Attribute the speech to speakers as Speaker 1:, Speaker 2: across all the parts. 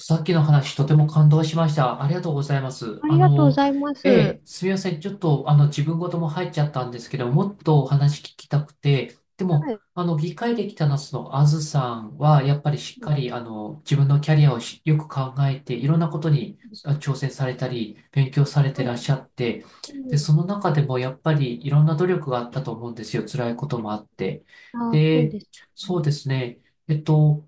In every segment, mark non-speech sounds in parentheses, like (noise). Speaker 1: さっきの話、とても感動しました。ありがとうございます。
Speaker 2: ありがとうございます。
Speaker 1: すみません。ちょっと、自分事も入っちゃったんですけど、もっとお話聞きたくて、でも、
Speaker 2: はい。
Speaker 1: 議会できたのあずさんは、やっぱりしっ
Speaker 2: う
Speaker 1: か
Speaker 2: ん。
Speaker 1: り、自分のキャリアをしよく考えて、いろんなことに挑戦されたり、勉強されて
Speaker 2: は
Speaker 1: らっ
Speaker 2: い。
Speaker 1: しゃって、
Speaker 2: う
Speaker 1: で、
Speaker 2: ん。
Speaker 1: その中でも、やっぱり、いろんな努力があったと思うんですよ。辛いこともあって。
Speaker 2: あ、そう
Speaker 1: で、
Speaker 2: です
Speaker 1: そう
Speaker 2: ね。
Speaker 1: ですね。えっと、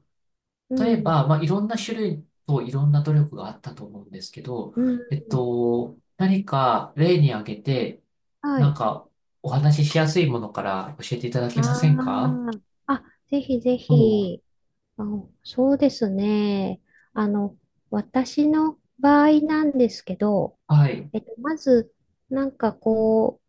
Speaker 2: う
Speaker 1: 例え
Speaker 2: ん。
Speaker 1: ば、まあ、いろんな種類といろんな努力があったと思うんですけど、
Speaker 2: うん。
Speaker 1: 何か例に挙げて、
Speaker 2: は
Speaker 1: なん
Speaker 2: い。
Speaker 1: かお話ししやすいものから教えていただけません
Speaker 2: あ
Speaker 1: か？
Speaker 2: あ。あ、ぜひぜ
Speaker 1: そう。
Speaker 2: ひ。あ、そうですね。あの、私の場合なんですけど、
Speaker 1: はい。
Speaker 2: まず、なんかこ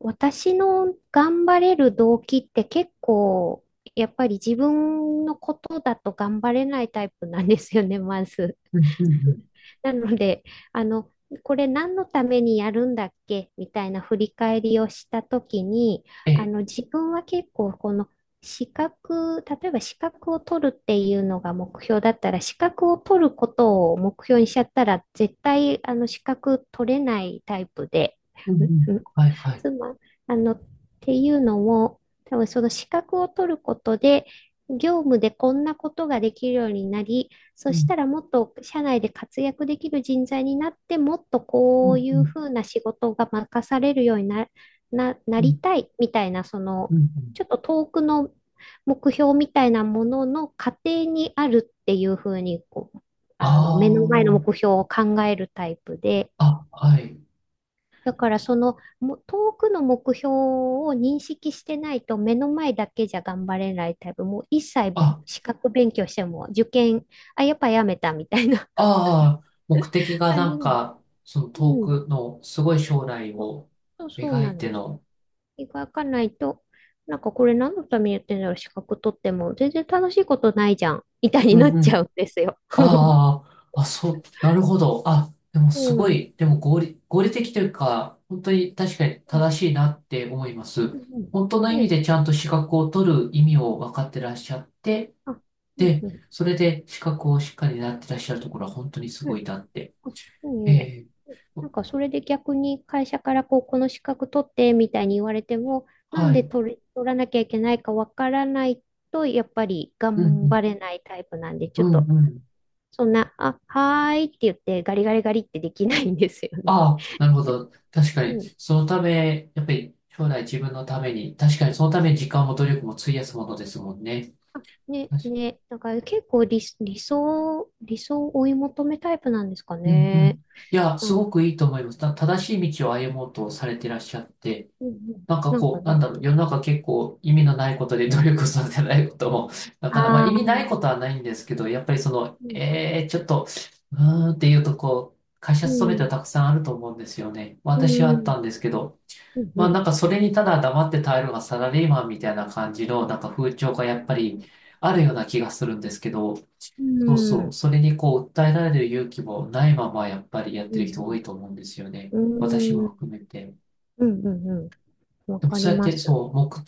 Speaker 2: 私の頑張れる動機って結構、やっぱり自分のことだと頑張れないタイプなんですよね、まず。
Speaker 1: うんうんうん。
Speaker 2: なので、あの、これ何のためにやるんだっけみたいな振り返りをしたときに、
Speaker 1: ええ。
Speaker 2: 自分は結構この資格、例えば資格を取るっていうのが目標だったら、資格を取ることを目標にしちゃったら、絶対あの資格取れないタイプで、
Speaker 1: うんうん。
Speaker 2: ん
Speaker 1: はいはい。
Speaker 2: 妻、あの、っていうのも、多分その資格を取ることで、業務でこんなことができるようになり、
Speaker 1: う
Speaker 2: そし
Speaker 1: ん
Speaker 2: たらもっと社内で活躍できる人材になって、もっと
Speaker 1: う
Speaker 2: こ
Speaker 1: ん
Speaker 2: うい
Speaker 1: う
Speaker 2: う
Speaker 1: ん
Speaker 2: ふうな仕事が任されるようにな
Speaker 1: う
Speaker 2: り
Speaker 1: ん
Speaker 2: たいみたいな、そ
Speaker 1: う
Speaker 2: の、
Speaker 1: んうん。
Speaker 2: ちょっと遠くの目標みたいなものの過程にあるっていうふうにこう、
Speaker 1: あ
Speaker 2: 目の前の目標を考えるタイプで、
Speaker 1: あ、あ、はい。
Speaker 2: だからそのも遠くの目標を認識してないと目の前だけじゃ頑張れないタイプ、もう一切
Speaker 1: あ、
Speaker 2: 資格勉強しても受験、あ、やっぱやめたみたいな
Speaker 1: ああ、目的
Speaker 2: (laughs)
Speaker 1: が
Speaker 2: 感
Speaker 1: な
Speaker 2: じ
Speaker 1: ん
Speaker 2: の。
Speaker 1: か、その遠
Speaker 2: うん。
Speaker 1: くのすごい将来
Speaker 2: そ
Speaker 1: を
Speaker 2: そう
Speaker 1: 描
Speaker 2: な
Speaker 1: い
Speaker 2: ん
Speaker 1: て
Speaker 2: です。
Speaker 1: の。
Speaker 2: 描かないと、なんかこれ何のためにやってんだろう、資格取っても全然楽しいことないじゃん、みたい
Speaker 1: う
Speaker 2: にな
Speaker 1: ん
Speaker 2: っ
Speaker 1: う
Speaker 2: ちゃう
Speaker 1: ん。
Speaker 2: んですよ。(laughs)
Speaker 1: ああ、あ、そう、なるほど。あ、でも
Speaker 2: う
Speaker 1: すご
Speaker 2: ん。
Speaker 1: い、でも合理的というか、本当に確かに
Speaker 2: うん。
Speaker 1: 正しいなって思いま
Speaker 2: う
Speaker 1: す。
Speaker 2: ん
Speaker 1: 本当の意味
Speaker 2: で、
Speaker 1: でちゃんと資格を取る意味を分かってらっしゃって、
Speaker 2: あ、うん
Speaker 1: で、
Speaker 2: うん。
Speaker 1: それで資格をしっかりなってらっしゃるところは本当にす
Speaker 2: う
Speaker 1: ご
Speaker 2: ん、
Speaker 1: いなって。
Speaker 2: あ、いい
Speaker 1: え
Speaker 2: ね。
Speaker 1: え。
Speaker 2: なんかそれで逆に会社からこう、この資格取ってみたいに言われても、なん
Speaker 1: は
Speaker 2: で
Speaker 1: い。
Speaker 2: 取れ、取らなきゃいけないかわからないと、やっぱり
Speaker 1: う
Speaker 2: 頑
Speaker 1: ん、
Speaker 2: 張れないタイプなんで、
Speaker 1: う
Speaker 2: ちょっ
Speaker 1: ん、う
Speaker 2: と、
Speaker 1: ん、うん。
Speaker 2: そんな、あ、はーいって言ってガリガリガリってできないんですよね。
Speaker 1: ああ、なるほど。確か
Speaker 2: う
Speaker 1: に、
Speaker 2: ん。
Speaker 1: そのため、やっぱり将来自分のために、確かにそのために時間も努力も費やすものですもんね。
Speaker 2: あ、ね、ね、だから結構理想を追い求めタイプなんですか
Speaker 1: うんう
Speaker 2: ね。
Speaker 1: ん。いや、
Speaker 2: な
Speaker 1: す
Speaker 2: ん、
Speaker 1: ごくいいと思います。正しい道を歩もうとされてらっしゃって、
Speaker 2: うんうん、
Speaker 1: なんか
Speaker 2: なんか
Speaker 1: こう、なん
Speaker 2: ね、
Speaker 1: だろう、世の中結構意味のないことで努力されてないことも、(laughs) なかなか、まあ、
Speaker 2: ああ、
Speaker 1: 意
Speaker 2: う
Speaker 1: 味ない
Speaker 2: ん、
Speaker 1: ことはないんですけど、やっぱりその、ちょっと、うーんっていうとこう、会社
Speaker 2: う
Speaker 1: 勤めては
Speaker 2: ん、
Speaker 1: たくさんあると思うんですよね。
Speaker 2: う
Speaker 1: 私はあっ
Speaker 2: ん、
Speaker 1: たんですけど、
Speaker 2: うん、
Speaker 1: まあ
Speaker 2: う
Speaker 1: な
Speaker 2: ん。
Speaker 1: んかそれにただ黙って耐えるのがサラリーマンみたいな感じの、なんか風潮がやっぱりあるような気がするんですけど、
Speaker 2: う
Speaker 1: そう
Speaker 2: ん。う
Speaker 1: そう。
Speaker 2: ん
Speaker 1: それにこう、訴えられる勇気もないまま、やっぱり
Speaker 2: う
Speaker 1: やってる人多
Speaker 2: ん
Speaker 1: いと思うんですよね。
Speaker 2: う
Speaker 1: 私
Speaker 2: ん。うー
Speaker 1: も含
Speaker 2: ん。
Speaker 1: めて。
Speaker 2: うんうんうん。わ
Speaker 1: でも
Speaker 2: か
Speaker 1: そ
Speaker 2: り
Speaker 1: うやっ
Speaker 2: ま
Speaker 1: て、
Speaker 2: す。
Speaker 1: そう、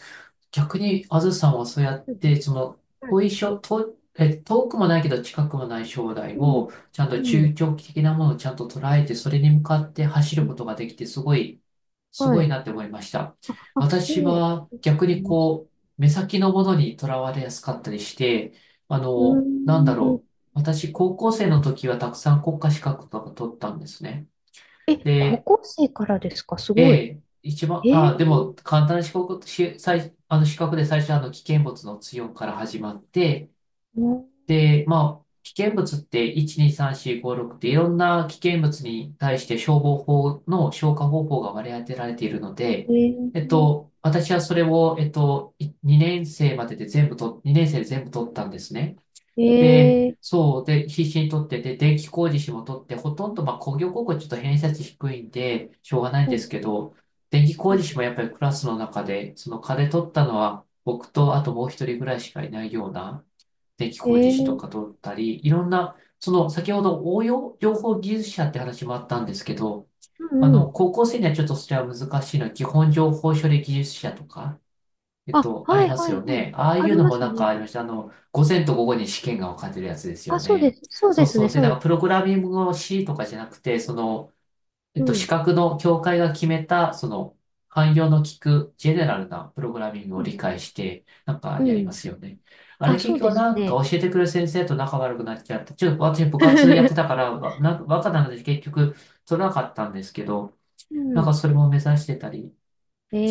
Speaker 1: 逆に、あずさんはそうやっ
Speaker 2: うん。
Speaker 1: て、その、
Speaker 2: はい。
Speaker 1: 遠いしょ、遠、え、遠くもないけど近くもない将来
Speaker 2: うん。
Speaker 1: を、ちゃん
Speaker 2: う
Speaker 1: と中
Speaker 2: ん。
Speaker 1: 長期的なものをちゃんと捉えて、それに向かって走
Speaker 2: う
Speaker 1: るこ
Speaker 2: ん、
Speaker 1: とができて、す
Speaker 2: は
Speaker 1: ごい
Speaker 2: い。
Speaker 1: なって思いました。
Speaker 2: あ、
Speaker 1: 私
Speaker 2: いえい、あ
Speaker 1: は
Speaker 2: りがとう
Speaker 1: 逆
Speaker 2: ござい
Speaker 1: に
Speaker 2: ます。
Speaker 1: こう、目先のものにとらわれやすかったりして、
Speaker 2: う
Speaker 1: なんだ
Speaker 2: ー
Speaker 1: ろう。
Speaker 2: ん。
Speaker 1: 私、高校生の時はたくさん国家資格とか取ったんですね。
Speaker 2: え、高
Speaker 1: で、
Speaker 2: 校生からですか、すごい。
Speaker 1: 一
Speaker 2: え
Speaker 1: 番、あ、でも、
Speaker 2: ー。
Speaker 1: 簡単な資格、し、最、あの、資格で最初は、危険物の強から始まって、
Speaker 2: うん、
Speaker 1: で、まあ、危険物って1、2、3、4、5、6っていろんな危険物に対して消防法の消火方法が割り当てられているの
Speaker 2: え
Speaker 1: で、
Speaker 2: ー。
Speaker 1: 私はそれを、2年生までで全部と、2年生で全部取ったんですね。で、
Speaker 2: えー。
Speaker 1: そう、で、必死に取って、で、電気工事士も取って、ほとんど、まあ、工業高校ちょっと偏差値低いんで、しょうがないん
Speaker 2: う
Speaker 1: です
Speaker 2: ん
Speaker 1: けど、電気
Speaker 2: う
Speaker 1: 工事
Speaker 2: ん、
Speaker 1: 士もやっぱりクラスの中で、その課で取ったのは、僕と、あともう一人ぐらいしかいないような、電気工事
Speaker 2: え
Speaker 1: 士と
Speaker 2: ー。
Speaker 1: か取ったり、いろんな、その、先ほど応用情報技術者って話もあったんですけど、
Speaker 2: うんうん。
Speaker 1: 高校生にはちょっとそれは難しいのは、基本情報処理技術者とか、
Speaker 2: あ、
Speaker 1: あり
Speaker 2: はい
Speaker 1: ます
Speaker 2: はいは
Speaker 1: よ
Speaker 2: い。
Speaker 1: ね。ああい
Speaker 2: あ
Speaker 1: う
Speaker 2: り
Speaker 1: の
Speaker 2: ま
Speaker 1: も
Speaker 2: す
Speaker 1: なんかあ
Speaker 2: ね。
Speaker 1: りました。午前と午後に試験が分かれてるやつですよ
Speaker 2: あ、そうで
Speaker 1: ね。
Speaker 2: す。そう
Speaker 1: そ
Speaker 2: で
Speaker 1: う
Speaker 2: す
Speaker 1: そ
Speaker 2: ね。
Speaker 1: う。で、
Speaker 2: そう
Speaker 1: なん
Speaker 2: で
Speaker 1: かプ
Speaker 2: す
Speaker 1: ログ
Speaker 2: ね。
Speaker 1: ラミングの C とかじゃなくて、その、
Speaker 2: う
Speaker 1: 資
Speaker 2: ん。
Speaker 1: 格の協会が決めた、その、汎用の効くジェネラルなプログラミング
Speaker 2: う
Speaker 1: を
Speaker 2: ん。
Speaker 1: 理解して、なんか
Speaker 2: う
Speaker 1: やりま
Speaker 2: ん。
Speaker 1: すよね。あれ
Speaker 2: あ、そ
Speaker 1: 結
Speaker 2: うで
Speaker 1: 局
Speaker 2: す
Speaker 1: なんか
Speaker 2: ね。
Speaker 1: 教えてくる先生と仲悪くなっちゃって、ちょっと私部活やってたか
Speaker 2: (laughs)
Speaker 1: ら、わなんか若なので結局取らなかったんですけど、
Speaker 2: う
Speaker 1: なんか
Speaker 2: ん。
Speaker 1: そ
Speaker 2: (laughs)
Speaker 1: れも目指してたり、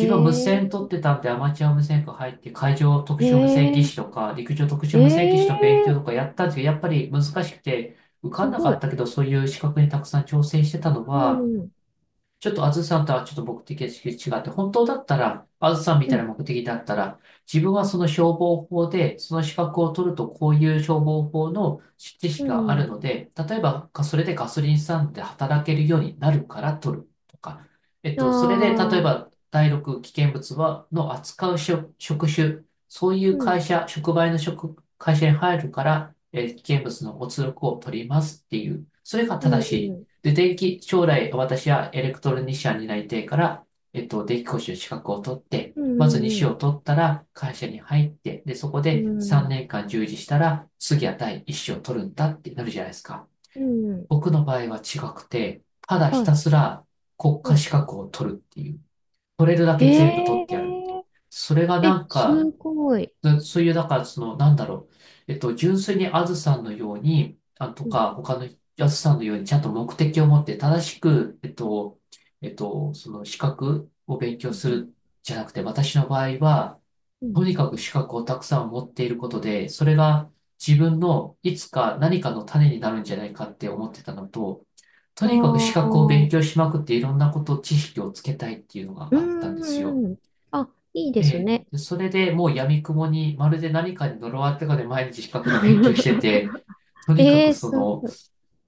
Speaker 1: 自分無線取っ
Speaker 2: ー、
Speaker 1: てたんで、アマチュア無線科入って、海上特殊無線技
Speaker 2: え
Speaker 1: 師とか、陸上特
Speaker 2: ー、
Speaker 1: 殊無線技
Speaker 2: え
Speaker 1: 師
Speaker 2: ー、
Speaker 1: の勉強とかやったんですけど、やっぱり難しくて、受か
Speaker 2: す
Speaker 1: んな
Speaker 2: ご
Speaker 1: か
Speaker 2: い。
Speaker 1: ったけど、そういう資格にたくさん挑戦してたの
Speaker 2: う
Speaker 1: は、
Speaker 2: ん、
Speaker 1: ちょっとあずさんとはちょっと目的が違って、本当だったら、あずさんみ
Speaker 2: う
Speaker 1: たいな
Speaker 2: ん、
Speaker 1: 目的だったら、自分はその消防法で、その資格を取るとこういう消防法の知
Speaker 2: う
Speaker 1: 識が
Speaker 2: ん。
Speaker 1: ある
Speaker 2: うん、
Speaker 1: ので、例えばそれでガソリンスタンドで働けるようになるから取るとか、
Speaker 2: あ
Speaker 1: それで例え
Speaker 2: あ、
Speaker 1: ば第6危険物は、の扱う職種、そういう
Speaker 2: う
Speaker 1: 会
Speaker 2: ん、
Speaker 1: 社、触媒の会社に入るから、危険物のお通告を取りますっていう、それが
Speaker 2: うん、
Speaker 1: 正し
Speaker 2: う
Speaker 1: い。
Speaker 2: ん、
Speaker 1: で、将来私はエレクトロニシャンになりたいから、電気講習資格を取って、
Speaker 2: う
Speaker 1: まず2
Speaker 2: ん、う
Speaker 1: 種を
Speaker 2: ん、
Speaker 1: 取ったら会社に入って、で、そこ
Speaker 2: う
Speaker 1: で3
Speaker 2: ん、
Speaker 1: 年間従事したら、次は第1種を取るんだってなるじゃないですか。
Speaker 2: うん、
Speaker 1: 僕の場合は違くて、ただひ
Speaker 2: は
Speaker 1: た
Speaker 2: い、
Speaker 1: すら国家
Speaker 2: は
Speaker 1: 資格を取るっていう。取れるだ
Speaker 2: い。
Speaker 1: け全部取っ
Speaker 2: へ
Speaker 1: てやる。
Speaker 2: え
Speaker 1: それが
Speaker 2: ー、
Speaker 1: な
Speaker 2: え、
Speaker 1: ん
Speaker 2: す
Speaker 1: か、
Speaker 2: ごい。
Speaker 1: そういう、だから、その、なんだろう。純粋にあずさんのように、あ、と
Speaker 2: うん、
Speaker 1: か、他のあずさんのように、ちゃんと目的を持って、正しく、その資格を勉強
Speaker 2: う
Speaker 1: す
Speaker 2: ん、
Speaker 1: るじゃなくて、私の場合は、
Speaker 2: うん。う
Speaker 1: と
Speaker 2: ん、
Speaker 1: にかく資格をたくさん持っていることで、それが自分のいつか何かの種になるんじゃないかって思ってたのと、と
Speaker 2: あ
Speaker 1: にかく資格を勉
Speaker 2: あ、
Speaker 1: 強しまくっていろんなこと、知識をつけたいっていうの
Speaker 2: う
Speaker 1: があったんですよ。
Speaker 2: ん、うん。あ、いいで
Speaker 1: え
Speaker 2: す
Speaker 1: え、
Speaker 2: ね。
Speaker 1: でそれでもう闇雲に、まるで何かに呪われてかで毎日資格の勉強して
Speaker 2: (laughs)
Speaker 1: て、とにか
Speaker 2: え
Speaker 1: く
Speaker 2: ー、
Speaker 1: そ
Speaker 2: す
Speaker 1: の、
Speaker 2: ごい。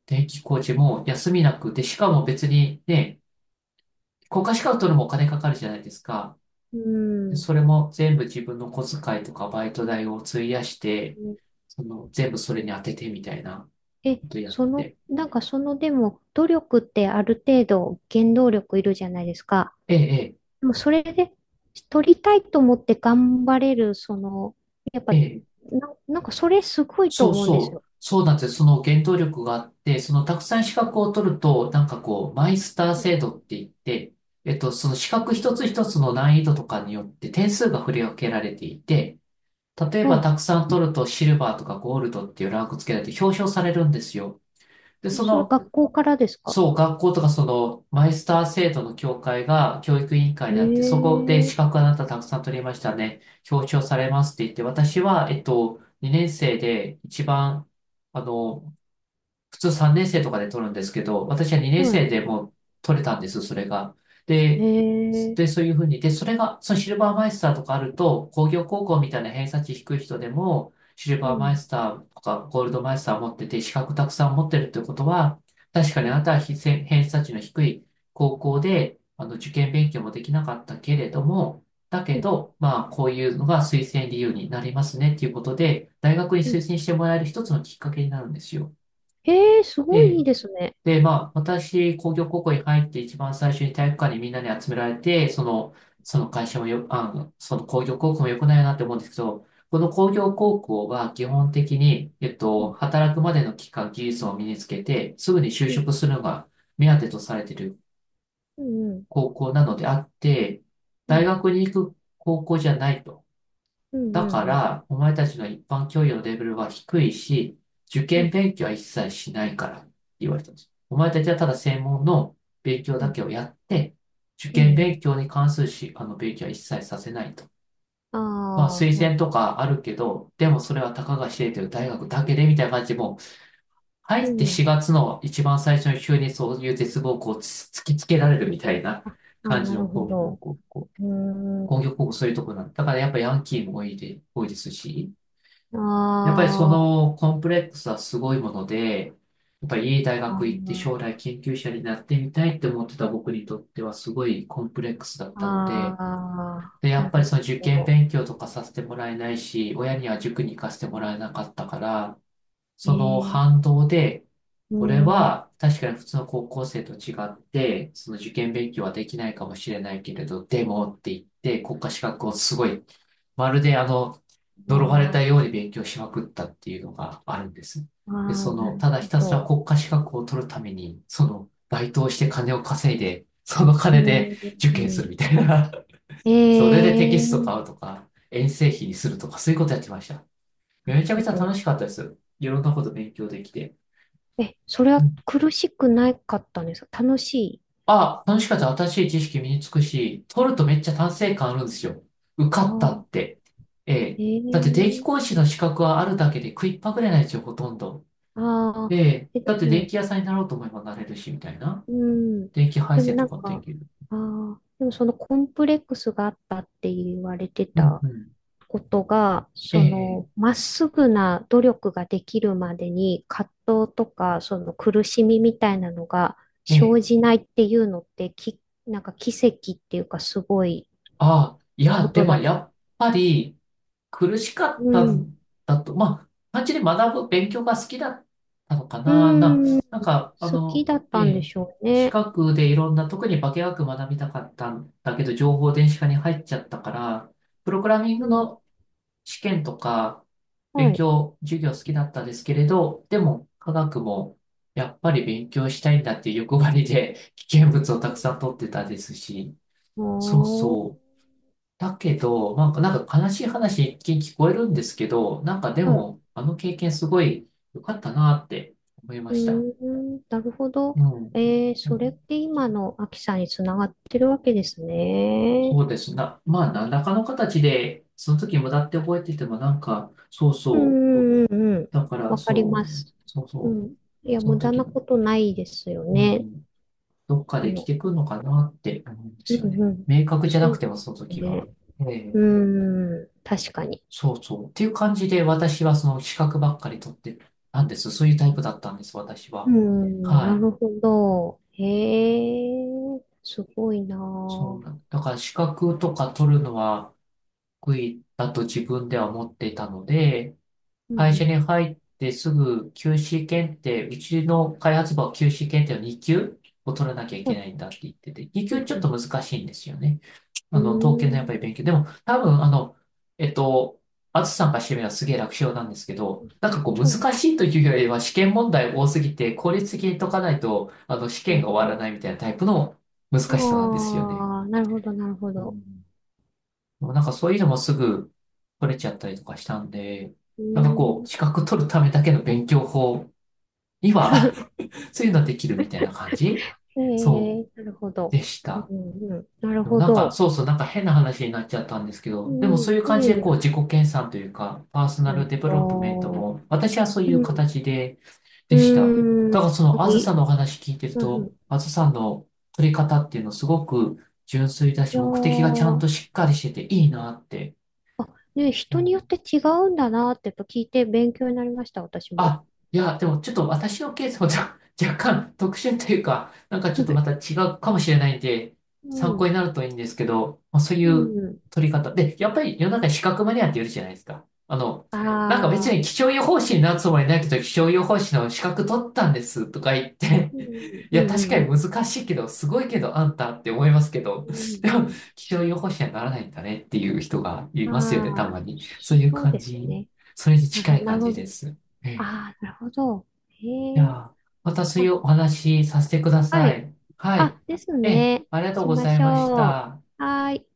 Speaker 1: 電気工事も休みなくて、しかも別にね、国家資格取るのもお金かかるじゃないですか。
Speaker 2: う
Speaker 1: で
Speaker 2: ん。
Speaker 1: それも全部自分の小遣いとかバイト代を費やして、その、全部それに当ててみたいな
Speaker 2: え、
Speaker 1: ことやっ
Speaker 2: その、
Speaker 1: て。
Speaker 2: なんかそのでも努力ってある程度原動力いるじゃないですか。
Speaker 1: ええ、
Speaker 2: でもそれで取りたいと思って頑張れる、その、やっぱ、
Speaker 1: ええ、ええ。
Speaker 2: なんかそれすごいと
Speaker 1: そう
Speaker 2: 思うんです
Speaker 1: そ
Speaker 2: よ。
Speaker 1: う、そうなんですよ。その原動力があって、そのたくさん資格を取ると、なんかこう、マイスター制度って言って、その資格一つ一つの難易度とかによって点数が振り分けられていて、例えば
Speaker 2: は
Speaker 1: たくさん取るとシルバーとかゴールドっていうランク付けられて表彰されるんですよ。で、
Speaker 2: い。え、それ学校からですか？
Speaker 1: そう、学校とかその、マイスター制度の協会が教育委員会であって、そこで資
Speaker 2: ええ、
Speaker 1: 格あなたたくさん取りましたね。表彰されますって言って、私は、2年生で一番、あの、普通3年生とかで取るんですけど、私は2年
Speaker 2: はい。
Speaker 1: 生でもう取れたんです、それが。で、
Speaker 2: え
Speaker 1: で、
Speaker 2: え、
Speaker 1: そういうふうに、で、それが、そのシルバーマイスターとかあると、工業高校みたいな偏差値低い人でも、シル
Speaker 2: う
Speaker 1: バーマイ
Speaker 2: ん、
Speaker 1: スターとかゴールドマイスター持ってて、資格たくさん持ってるってことは、確か
Speaker 2: う
Speaker 1: にあ
Speaker 2: ん、
Speaker 1: なたは非偏偏差値の低い高校で、受験勉強もできなかったけれども、だ
Speaker 2: う
Speaker 1: け
Speaker 2: ん、
Speaker 1: ど、まあ、こういうのが推薦理由になりますねっていうことで、大学に
Speaker 2: うん。
Speaker 1: 推薦してもらえる一つのきっかけになるんですよ。
Speaker 2: ええ、すごいいい
Speaker 1: で
Speaker 2: ですね。
Speaker 1: で、まあ、私、工業高校に入って一番最初に体育館にみんなに集められて、その会社もよ、その工業高校も良くないなって思うんですけど、この工業高校は基本的に、
Speaker 2: うん、
Speaker 1: 働くまでの期間、技術を身につけて、すぐに就
Speaker 2: うん、
Speaker 1: 職するのが目当てとされている
Speaker 2: うん、
Speaker 1: 高校なのであって、
Speaker 2: う
Speaker 1: 大
Speaker 2: ん、
Speaker 1: 学に行く高校じゃないと。
Speaker 2: うん、う
Speaker 1: だか
Speaker 2: ん、うん、
Speaker 1: ら、お前たちの一般教養のレベルは低いし、受
Speaker 2: う
Speaker 1: 験
Speaker 2: ん、
Speaker 1: 勉強は一切しないからって言われたんです。お前たちはただ専門の勉強だけをやって、受
Speaker 2: う
Speaker 1: 験
Speaker 2: ん、う
Speaker 1: 勉
Speaker 2: ん。
Speaker 1: 強に関するし、あの勉強は一切させないと。
Speaker 2: あ
Speaker 1: まあ、推
Speaker 2: あ、なる
Speaker 1: 薦と
Speaker 2: ほど。
Speaker 1: かあるけど、でもそれはたかが知れてる大学だけでみたいな感じで、もう入
Speaker 2: う
Speaker 1: って
Speaker 2: ん、
Speaker 1: 4月の一番最初に急にそういう絶望をこうつ突きつけられるみたいな
Speaker 2: あ、あ
Speaker 1: 感
Speaker 2: ー、
Speaker 1: じ
Speaker 2: なる
Speaker 1: の、
Speaker 2: ほ
Speaker 1: こう、こう、
Speaker 2: ど。
Speaker 1: こう、こう、
Speaker 2: うー
Speaker 1: 工
Speaker 2: ん。
Speaker 1: 業高校そういうところなんだ。だからやっぱヤンキーも多いですし、
Speaker 2: あ
Speaker 1: やっぱりそ
Speaker 2: ー
Speaker 1: のコンプレックスはすごいもので、やっぱりいい大
Speaker 2: あ
Speaker 1: 学行って
Speaker 2: ー、
Speaker 1: 将来研究者になってみたいって思ってた僕にとってはすごいコンプレックスだっ
Speaker 2: あ
Speaker 1: たので、で、
Speaker 2: ー
Speaker 1: や
Speaker 2: な
Speaker 1: っぱり
Speaker 2: る
Speaker 1: その受
Speaker 2: ほ
Speaker 1: 験
Speaker 2: ど。
Speaker 1: 勉強とかさせてもらえないし、親には塾に行かせてもらえなかったから、
Speaker 2: え
Speaker 1: その
Speaker 2: ー、
Speaker 1: 反動で、
Speaker 2: うー
Speaker 1: 俺
Speaker 2: ん、
Speaker 1: は確かに普通の高校生と違って、その受験勉強はできないかもしれないけれど、でもって言って国家資格をすごいまるで呪われ
Speaker 2: あ
Speaker 1: たように勉強しまくったっていうのがあるんです。
Speaker 2: ー
Speaker 1: で、
Speaker 2: あー、なる
Speaker 1: ただ
Speaker 2: ほ
Speaker 1: ひたすら
Speaker 2: ど。
Speaker 1: 国家資格を取るために、バイトをして金を稼いで、その
Speaker 2: う
Speaker 1: 金で
Speaker 2: ー
Speaker 1: 受験する
Speaker 2: ん、
Speaker 1: みたいな。
Speaker 2: え
Speaker 1: (laughs) それでテキスト
Speaker 2: ー、
Speaker 1: 買うとか、遠征費にするとか、そういうことやってました。
Speaker 2: な
Speaker 1: め
Speaker 2: る
Speaker 1: ちゃく
Speaker 2: ほ
Speaker 1: ちゃ楽
Speaker 2: ど。
Speaker 1: しかったです。いろんなこと勉強できて。
Speaker 2: え、それは苦しくなかったんですか？楽しい。
Speaker 1: あ、楽しかった。新しい知識身につくし、取るとめっちゃ達成感あるんですよ。受
Speaker 2: あ
Speaker 1: かった
Speaker 2: あ、
Speaker 1: って。ええ。
Speaker 2: え
Speaker 1: だって電気講
Speaker 2: ー、
Speaker 1: 師の資格はあるだけで食いっぱぐれないですよ、ほとんど。
Speaker 2: あ
Speaker 1: え
Speaker 2: あ、
Speaker 1: え。
Speaker 2: え、で
Speaker 1: だって電
Speaker 2: も、
Speaker 1: 気屋さんになろうと思えばなれるし、みたいな。
Speaker 2: うん、
Speaker 1: 電気配
Speaker 2: でも
Speaker 1: 線
Speaker 2: な
Speaker 1: と
Speaker 2: ん
Speaker 1: かもで
Speaker 2: か、
Speaker 1: きる。
Speaker 2: ああ、でもそのコンプレックスがあったって言われて
Speaker 1: うん
Speaker 2: た
Speaker 1: うん。
Speaker 2: ことが、
Speaker 1: え
Speaker 2: その、
Speaker 1: え、
Speaker 2: まっすぐな努力ができるまでに葛藤とか、その苦しみみたいなのが
Speaker 1: ええ、え
Speaker 2: 生
Speaker 1: え。
Speaker 2: じないっていうのって、き、なんか奇跡っていうかすごい
Speaker 1: ああ、い
Speaker 2: こ
Speaker 1: や、で
Speaker 2: と
Speaker 1: も
Speaker 2: だ。
Speaker 1: やっぱり、苦しかっ
Speaker 2: う
Speaker 1: た
Speaker 2: ん。
Speaker 1: んだと、まあ、単純に学ぶ、勉強が好きだったのか
Speaker 2: う
Speaker 1: な、な、
Speaker 2: ん。
Speaker 1: なんか、
Speaker 2: 好きだっ
Speaker 1: え
Speaker 2: たんで
Speaker 1: え、
Speaker 2: しょう
Speaker 1: 資
Speaker 2: ね。
Speaker 1: 格でいろんな、特に化学学びたかったんだけど、情報電子化に入っちゃったから、プログラミン
Speaker 2: う
Speaker 1: グ
Speaker 2: ん。
Speaker 1: の試験とか、勉
Speaker 2: はい。
Speaker 1: 強、授業好きだったんですけれど、でも、科学も、やっぱり勉強したいんだっていう欲張りで、危険物をたくさん取ってたですし、そうそ
Speaker 2: あ
Speaker 1: う。だけど、まあ、なんか悲しい話一見聞こえるんですけど、なんかで
Speaker 2: ー、は
Speaker 1: も、
Speaker 2: い。
Speaker 1: あの経験すごい良かったなって思い
Speaker 2: う
Speaker 1: ま
Speaker 2: ー
Speaker 1: した。
Speaker 2: ん、なるほ
Speaker 1: う
Speaker 2: ど。
Speaker 1: ん。
Speaker 2: えー、それって今のアキさんにつながってるわけですね。
Speaker 1: そうですな。まあ、何らかの形で、その時無駄って覚えてても、なんか、そう
Speaker 2: う
Speaker 1: そ
Speaker 2: んうんうんうん。
Speaker 1: う。だから、
Speaker 2: わかりま
Speaker 1: そう、
Speaker 2: す。
Speaker 1: そう
Speaker 2: う
Speaker 1: そう。
Speaker 2: ん。いや、
Speaker 1: その
Speaker 2: 無駄
Speaker 1: 時
Speaker 2: な
Speaker 1: の、
Speaker 2: ことないですよ
Speaker 1: う
Speaker 2: ね。
Speaker 1: ん、どっか
Speaker 2: あ
Speaker 1: で来
Speaker 2: の、
Speaker 1: てくるのかなって思うんで
Speaker 2: う
Speaker 1: すよ
Speaker 2: ん
Speaker 1: ね。
Speaker 2: うん。
Speaker 1: 明確じゃ
Speaker 2: そ
Speaker 1: なく
Speaker 2: う
Speaker 1: ても、その
Speaker 2: です
Speaker 1: 時は。
Speaker 2: ね。
Speaker 1: ええ、
Speaker 2: うん、確かに。
Speaker 1: そうそう。っていう感じで、私はその資格ばっかり取ってたんです。そういうタイプだったんです、私
Speaker 2: う
Speaker 1: は。
Speaker 2: ん。
Speaker 1: は
Speaker 2: な
Speaker 1: い。
Speaker 2: るほど。へえ、すごいな
Speaker 1: そうな
Speaker 2: ぁ。
Speaker 1: んだから資格とか取るのは得意だと自分では思っていたので、
Speaker 2: う
Speaker 1: 会社
Speaker 2: ん
Speaker 1: に入ってすぐ QC 検定、うちの開発部は QC 検定の2級を取らなきゃい
Speaker 2: う
Speaker 1: け
Speaker 2: ん、う
Speaker 1: な
Speaker 2: ん、
Speaker 1: いんだって言ってて、2
Speaker 2: う
Speaker 1: 級
Speaker 2: ん
Speaker 1: ちょ
Speaker 2: う
Speaker 1: っ
Speaker 2: ん。
Speaker 1: と難しいんですよね。
Speaker 2: う
Speaker 1: あ
Speaker 2: ー
Speaker 1: の、刀剣のやっ
Speaker 2: ん、
Speaker 1: ぱり勉強。でも、多分、えっと、あずさんがしてみればすげえ楽勝なんですけど、なんかこう難
Speaker 2: あ、
Speaker 1: しいというよりは試験問題多すぎて効率的に解かないと、試
Speaker 2: へえ
Speaker 1: 験が終わら
Speaker 2: ー、
Speaker 1: ないみたいなタイプの難しさなんで
Speaker 2: あ
Speaker 1: すよね。
Speaker 2: あ、なるほど、なるほ
Speaker 1: う
Speaker 2: ど。
Speaker 1: ん。なんかそういうのもすぐ取れちゃったりとかしたんで、
Speaker 2: う
Speaker 1: なんかこ
Speaker 2: ー
Speaker 1: う、
Speaker 2: ん。
Speaker 1: 資格取るためだけの勉強法には
Speaker 2: (laughs)
Speaker 1: (laughs) そういうのできるみたいな感じ
Speaker 2: へ
Speaker 1: そう
Speaker 2: え、なるほど。
Speaker 1: でし
Speaker 2: うん、
Speaker 1: た。
Speaker 2: うん、なる
Speaker 1: でも
Speaker 2: ほ
Speaker 1: なんか、
Speaker 2: ど。
Speaker 1: そうそう、なんか変な話になっちゃったんですけ
Speaker 2: う
Speaker 1: ど、でもそう
Speaker 2: ん、
Speaker 1: いう
Speaker 2: うん、い
Speaker 1: 感
Speaker 2: や
Speaker 1: じ
Speaker 2: い
Speaker 1: でこ
Speaker 2: や、
Speaker 1: う自己研鑽というか、パーソナ
Speaker 2: なる
Speaker 1: ルデベロップメント
Speaker 2: ほ
Speaker 1: も、私はそう
Speaker 2: ど。
Speaker 1: いう
Speaker 2: うん、
Speaker 1: 形で、
Speaker 2: う
Speaker 1: で
Speaker 2: ー
Speaker 1: した。
Speaker 2: ん、
Speaker 1: だからそ
Speaker 2: なん
Speaker 1: の、
Speaker 2: か
Speaker 1: あ
Speaker 2: い
Speaker 1: ずさ
Speaker 2: い、
Speaker 1: んのお話聞いてる
Speaker 2: うんうん、い
Speaker 1: と、あずさんの取り方っていうのすごく純粋だし、
Speaker 2: や
Speaker 1: 目的がちゃん
Speaker 2: ー、
Speaker 1: としっかりしてていいなって。
Speaker 2: あ、ね、
Speaker 1: う
Speaker 2: 人によ
Speaker 1: ん
Speaker 2: って違うんだなってやっぱ聞いて勉強になりました、私も。
Speaker 1: あ、いや、でもちょっと私のケースも若 (laughs) 若干特殊というか、なんかちょっとまた
Speaker 2: (laughs)
Speaker 1: 違うかもしれないんで、
Speaker 2: う
Speaker 1: 参考
Speaker 2: ん、
Speaker 1: になるといいんですけど、まあ、そう
Speaker 2: う
Speaker 1: いう
Speaker 2: ん、
Speaker 1: 取り方。で、やっぱり世の中に資格マニアっているじゃないですか。なんか別
Speaker 2: あ
Speaker 1: に
Speaker 2: ー、
Speaker 1: 気
Speaker 2: 確
Speaker 1: 象予
Speaker 2: か
Speaker 1: 報士になるつもりないけど、気象予報士の資格取ったんですとか言って、
Speaker 2: に。うん、
Speaker 1: (laughs) い
Speaker 2: う
Speaker 1: や、確
Speaker 2: ん、
Speaker 1: か
Speaker 2: う
Speaker 1: に
Speaker 2: ん、
Speaker 1: 難しいけど、すごいけど、あんたって思いますけど、
Speaker 2: うん、
Speaker 1: で
Speaker 2: う
Speaker 1: も、
Speaker 2: ん、うん、
Speaker 1: 気象予報士にはならないんだねっていう人がいますよね、
Speaker 2: あー、
Speaker 1: たまに。そういう
Speaker 2: そう
Speaker 1: 感
Speaker 2: です
Speaker 1: じ、
Speaker 2: ね。
Speaker 1: それに
Speaker 2: なる
Speaker 1: 近
Speaker 2: ほど、
Speaker 1: い
Speaker 2: なる
Speaker 1: 感
Speaker 2: ほ
Speaker 1: じで
Speaker 2: ど。
Speaker 1: す。ええ。
Speaker 2: あー、なるほど。
Speaker 1: じゃ
Speaker 2: へえ、
Speaker 1: あ、またそう
Speaker 2: ま
Speaker 1: い
Speaker 2: あ、
Speaker 1: うお話しさせてくだ
Speaker 2: は
Speaker 1: さ
Speaker 2: い。
Speaker 1: い。は
Speaker 2: あ、
Speaker 1: い。
Speaker 2: です
Speaker 1: ええ、
Speaker 2: ね。
Speaker 1: ありがとう
Speaker 2: し
Speaker 1: ご
Speaker 2: ま
Speaker 1: ざい
Speaker 2: し
Speaker 1: まし
Speaker 2: ょう。
Speaker 1: た。
Speaker 2: はーい。